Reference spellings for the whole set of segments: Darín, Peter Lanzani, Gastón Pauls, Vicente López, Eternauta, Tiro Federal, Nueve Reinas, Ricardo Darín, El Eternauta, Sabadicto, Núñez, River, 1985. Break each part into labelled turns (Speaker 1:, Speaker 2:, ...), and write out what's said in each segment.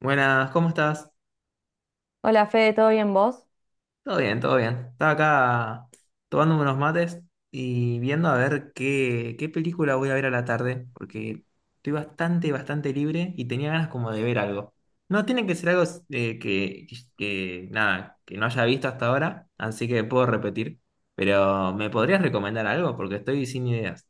Speaker 1: Buenas, ¿cómo estás?
Speaker 2: Hola Fede, ¿todo bien vos?
Speaker 1: Todo bien, todo bien. Estaba acá tomándome unos mates y viendo a ver qué película voy a ver a la tarde, porque estoy bastante, bastante libre y tenía ganas como de ver algo. No tiene que ser algo eh, que, que no haya visto hasta ahora, así que puedo repetir, pero ¿me podrías recomendar algo? Porque estoy sin ideas.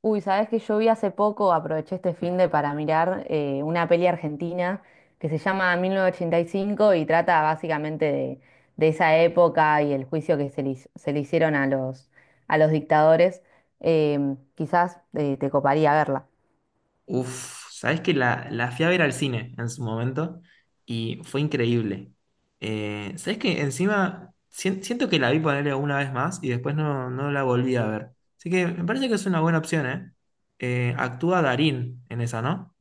Speaker 2: Uy, sabés que yo vi hace poco, aproveché este finde para mirar una peli argentina que se llama 1985 y trata básicamente de esa época y el juicio que se le hicieron a los dictadores. Quizás te coparía verla.
Speaker 1: Uf, sabes que la fui a ver al cine en su momento y fue increíble. Sabes que encima siento que la vi ponerle una vez más y después no la volví a ver. Así que me parece que es una buena opción, ¿eh? Actúa Darín en esa, ¿no?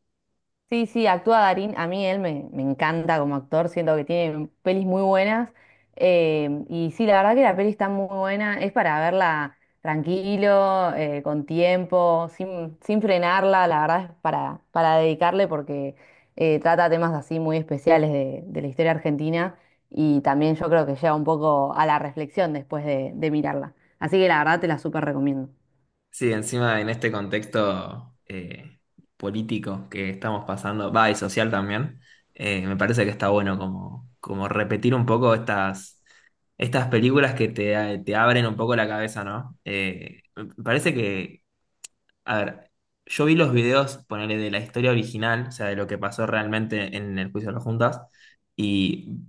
Speaker 2: Sí, sí, actúa Darín. A mí él me encanta como actor, siento que tiene pelis muy buenas. Y sí, la verdad que la peli está muy buena. Es para verla tranquilo, con tiempo, sin frenarla. La verdad es para dedicarle porque trata temas así muy especiales de la historia argentina. Y también yo creo que lleva un poco a la reflexión después de mirarla. Así que la verdad te la súper recomiendo.
Speaker 1: Sí, encima en este contexto político que estamos pasando, va, y social también. Me parece que está bueno como, como repetir un poco estas películas que te abren un poco la cabeza, ¿no? Me parece que, a ver, yo vi los videos, ponele, de la historia original, o sea, de lo que pasó realmente en el juicio de las juntas, y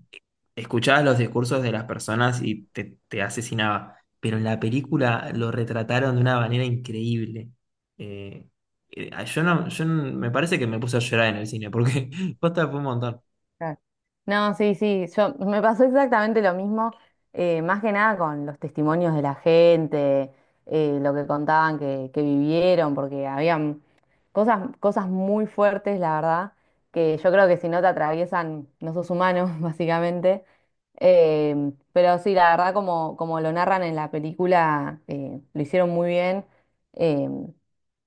Speaker 1: escuchabas los discursos de las personas y te asesinaba. Pero en la película lo retrataron de una manera increíble. Eh, yo no, yo no- me parece que me puse a llorar en el cine, porque posta fue un montón.
Speaker 2: Claro. No, sí, sí, yo me pasó exactamente lo mismo, más que nada con los testimonios de la gente, lo que contaban que vivieron, porque habían cosas muy fuertes, la verdad, que yo creo que si no te atraviesan, no sos humano, básicamente. Pero sí, la verdad, como lo narran en la película, lo hicieron muy bien. eh,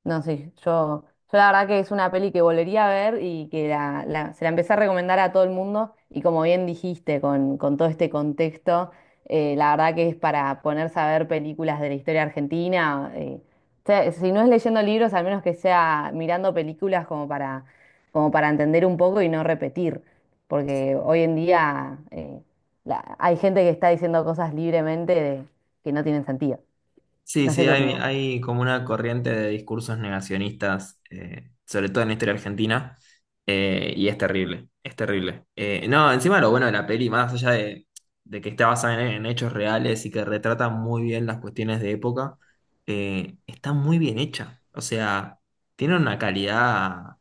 Speaker 2: no, sí, yo la verdad que es una peli que volvería a ver y que se la empecé a recomendar a todo el mundo y como bien dijiste, con todo este contexto, la verdad que es para ponerse a ver películas de la historia argentina. O sea, si no es leyendo libros, al menos que sea mirando películas como para entender un poco y no repetir, porque hoy en día hay gente que está diciendo cosas libremente que no tienen sentido.
Speaker 1: Sí,
Speaker 2: No sé
Speaker 1: sí,
Speaker 2: qué
Speaker 1: hay,
Speaker 2: opinas.
Speaker 1: hay como una corriente de discursos negacionistas, sobre todo en la historia argentina, y es terrible, es terrible. No, encima lo bueno de la peli, más allá de que está basada en hechos reales y que retrata muy bien las cuestiones de época, está muy bien hecha. O sea, tiene una calidad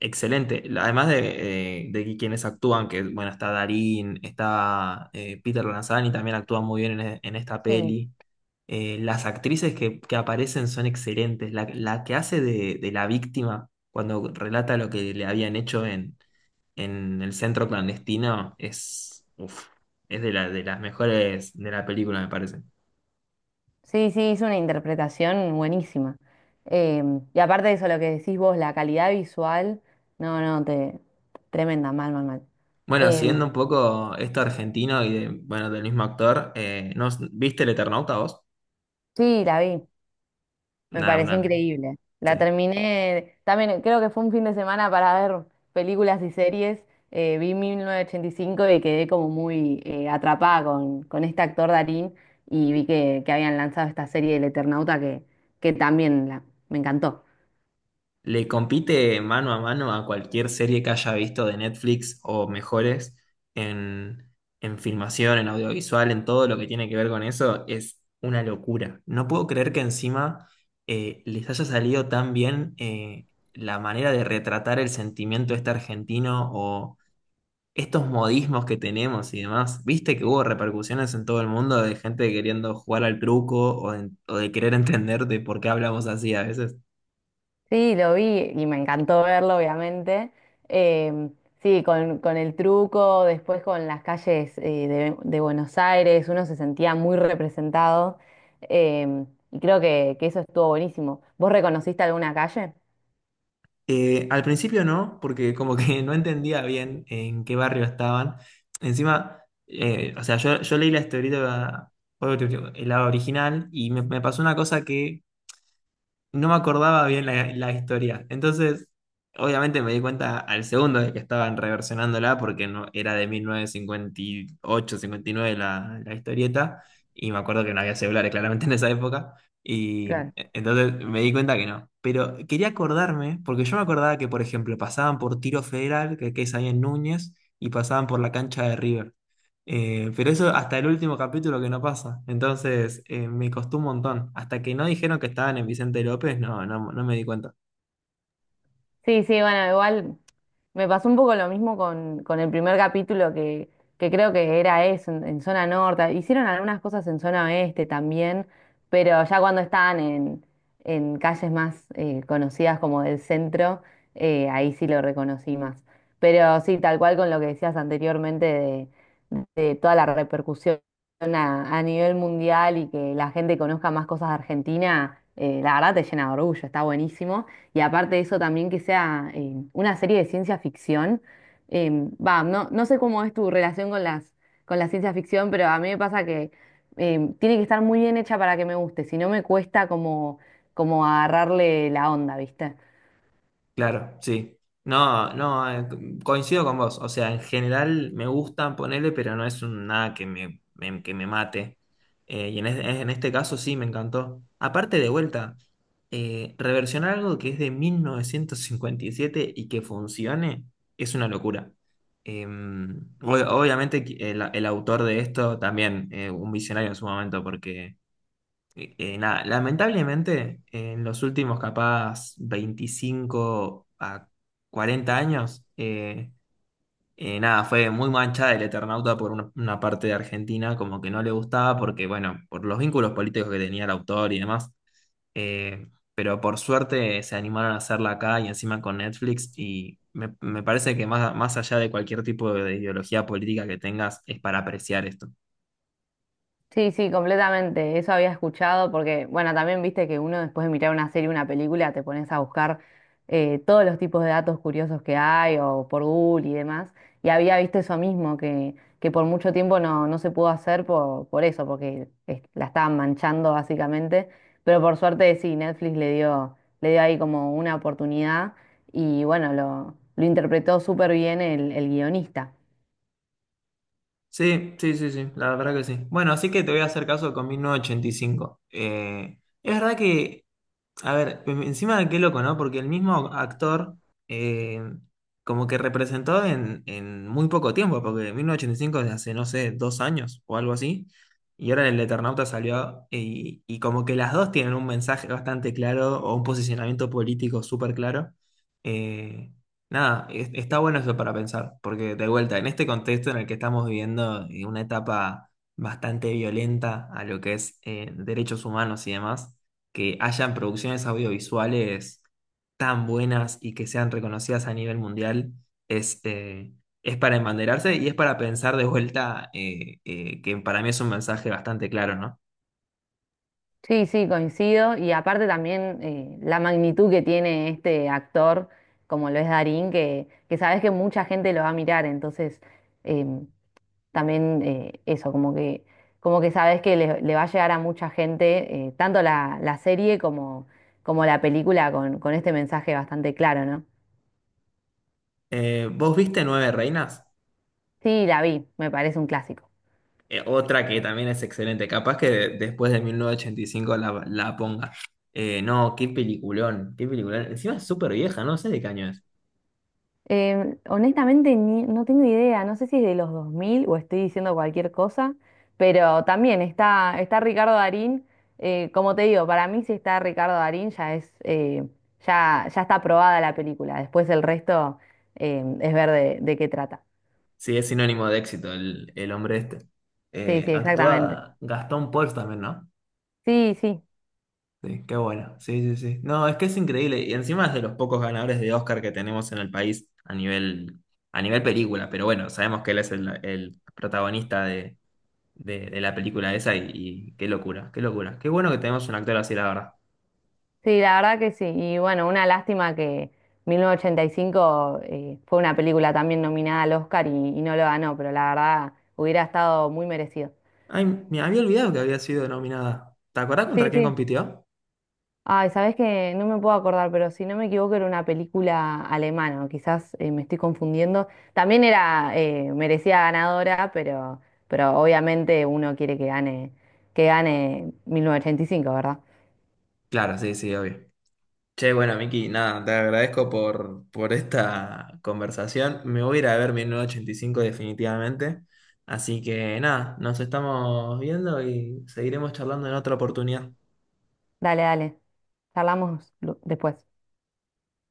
Speaker 1: excelente. Además de quienes actúan, que bueno, está Darín, está Peter Lanzani, también actúa muy bien en esta peli. Las actrices que aparecen son excelentes. La que hace de la víctima cuando relata lo que le habían hecho en el centro clandestino es, uf, es de las mejores de la película, me parece.
Speaker 2: Sí, sí, es una interpretación buenísima. Eh, y aparte de eso, lo que decís vos, la calidad visual, no, no, tremenda, mal, mal, mal.
Speaker 1: Bueno,
Speaker 2: Eh,
Speaker 1: siguiendo un poco esto argentino y bueno, del mismo actor, ¿no, ¿viste El Eternauta vos?
Speaker 2: sí, la vi, me
Speaker 1: Nada,
Speaker 2: pareció
Speaker 1: una,
Speaker 2: increíble.
Speaker 1: sí.
Speaker 2: La terminé, también creo que fue un fin de semana para ver películas y series. Vi 1985 y quedé como muy atrapada con este actor Darín y vi que habían lanzado esta serie del Eternauta que también me encantó.
Speaker 1: Le compite mano a mano a cualquier serie que haya visto de Netflix o mejores en, en filmación, en audiovisual, en todo lo que tiene que ver con eso. Es una locura. No puedo creer que encima les haya salido tan bien, la manera de retratar el sentimiento este argentino o estos modismos que tenemos y demás. Viste que hubo repercusiones en todo el mundo de gente queriendo jugar al truco o de querer entender de por qué hablamos así a veces.
Speaker 2: Sí, lo vi y me encantó verlo, obviamente. Eh, sí, con el truco, después con las calles de Buenos Aires, uno se sentía muy representado eh, y creo que eso estuvo buenísimo. ¿Vos reconociste alguna calle?
Speaker 1: Al principio no, porque como que no entendía bien en qué barrio estaban. Encima, o sea, yo leí la historieta, obviamente, el lado original, y me pasó una cosa que no me acordaba bien la historia. Entonces, obviamente me di cuenta al segundo de que estaban reversionándola porque no, era de 1950, 1958, 1959 la historieta, y me acuerdo que no había celulares claramente en esa época, y entonces me di cuenta que no. Pero quería acordarme porque yo me acordaba que, por ejemplo, pasaban por Tiro Federal, que es ahí en Núñez, y pasaban por la cancha de River. Pero eso hasta el último capítulo que no pasa. Entonces, me costó un montón. Hasta que no dijeron que estaban en Vicente López, no, no, no me di cuenta.
Speaker 2: Sí, sí, bueno, igual me pasó un poco lo mismo con el primer capítulo que creo que era eso, en zona norte. Hicieron algunas cosas en zona oeste también, pero ya cuando estaban en calles más conocidas como del centro, ahí sí lo reconocí más. Pero sí, tal cual con lo que decías anteriormente de toda la repercusión a nivel mundial y que la gente conozca más cosas de Argentina, la verdad te llena de orgullo, está buenísimo. Y aparte de eso también que sea una serie de ciencia ficción. Va, no sé cómo es tu relación con la ciencia ficción, pero a mí me pasa que tiene que estar muy bien hecha para que me guste, si no me cuesta como agarrarle la onda, ¿viste?
Speaker 1: Claro, sí. No, no, coincido con vos. O sea, en general me gustan ponerle, pero no es nada que que me mate. Y en este caso sí, me encantó. Aparte de vuelta, reversionar algo que es de 1957 y que funcione es una locura. Obviamente que el autor de esto también, un visionario en su momento. Nada, lamentablemente en los últimos capaz 25 a 40 años, nada, fue muy manchada el Eternauta por una parte de Argentina, como que no le gustaba porque, bueno, por los vínculos políticos que tenía el autor y demás. Eh, pero por suerte se animaron a hacerla acá y encima con Netflix, y me parece que más allá de cualquier tipo de ideología política que tengas, es para apreciar esto.
Speaker 2: Sí, sí, completamente. Eso había escuchado porque, bueno, también viste que uno después de mirar una serie, una película, te pones a buscar todos los tipos de datos curiosos que hay o por Google y demás. Y había visto eso mismo, que por mucho tiempo no se pudo hacer por eso, porque la estaban manchando básicamente. Pero por suerte sí, Netflix le dio ahí como una oportunidad y bueno, lo interpretó súper bien el guionista.
Speaker 1: Sí, sí, sí, sí, la verdad que sí. Bueno, así que te voy a hacer caso con 1985. Es verdad que, a ver, encima qué loco, ¿no? Porque el mismo actor, eh, como que representó en muy poco tiempo, porque 1985 es hace, no sé, 2 años o algo así, y ahora el Eternauta salió, y como que las dos tienen un mensaje bastante claro o un posicionamiento político súper claro. Eh, Nada, está bueno eso para pensar, porque de vuelta, en este contexto en el que estamos viviendo, una etapa bastante violenta a lo que es, derechos humanos y demás, que hayan producciones audiovisuales tan buenas y que sean reconocidas a nivel mundial es, eh, es para embanderarse, y es para pensar de vuelta, que para mí es un mensaje bastante claro, ¿no?
Speaker 2: Sí, sí, coincido. Y aparte también la magnitud que tiene este actor, como lo es Darín, que sabes que mucha gente lo va a mirar. Entonces, em, también eso, como que sabes que le va a llegar a mucha gente, tanto la serie como la película, con este mensaje bastante claro, ¿no?
Speaker 1: ¿Vos viste Nueve Reinas?
Speaker 2: Sí, la vi, me parece un clásico.
Speaker 1: Otra que también es excelente, capaz que después de 1985 la ponga. No, qué peliculón, qué peliculón. Encima es súper vieja, no sé de qué año es.
Speaker 2: Honestamente, no tengo idea, no sé si es de los 2000 o estoy diciendo cualquier cosa, pero también está Ricardo Darín. Como te digo, para mí si está Ricardo Darín ya es, ya está aprobada la película, después el resto es ver de qué trata.
Speaker 1: Sí, es sinónimo de éxito el hombre este.
Speaker 2: Sí, sí, exactamente.
Speaker 1: Actúa Gastón Pauls también, ¿no?
Speaker 2: Sí, sí,
Speaker 1: Sí, qué bueno. Sí, sí, sí. No, es que es increíble. Y encima es de los pocos ganadores de Oscar que tenemos en el país a nivel película. Pero bueno, sabemos que él es el protagonista de la película esa, y qué locura, qué locura. Qué bueno que tenemos un actor así, la verdad.
Speaker 2: sí, la verdad que sí. Y bueno, una lástima que 1985 fue una película también nominada al Oscar y no lo ganó, pero la verdad hubiera estado muy merecido.
Speaker 1: Ay, me había olvidado que había sido nominada. ¿Te acordás contra
Speaker 2: Sí,
Speaker 1: quién
Speaker 2: sí.
Speaker 1: compitió?
Speaker 2: Ay, sabes que no me puedo acordar, pero si no me equivoco era una película alemana, o quizás me estoy confundiendo. También era merecida ganadora, pero obviamente uno quiere que gane, 1985, ¿verdad?
Speaker 1: Claro, sí, sí, obvio. Che, bueno, Miki, nada, te agradezco por esta conversación. Me voy a ir a ver 1985 definitivamente. Así que nada, nos estamos viendo y seguiremos charlando en otra oportunidad.
Speaker 2: Dale, dale. Charlamos después.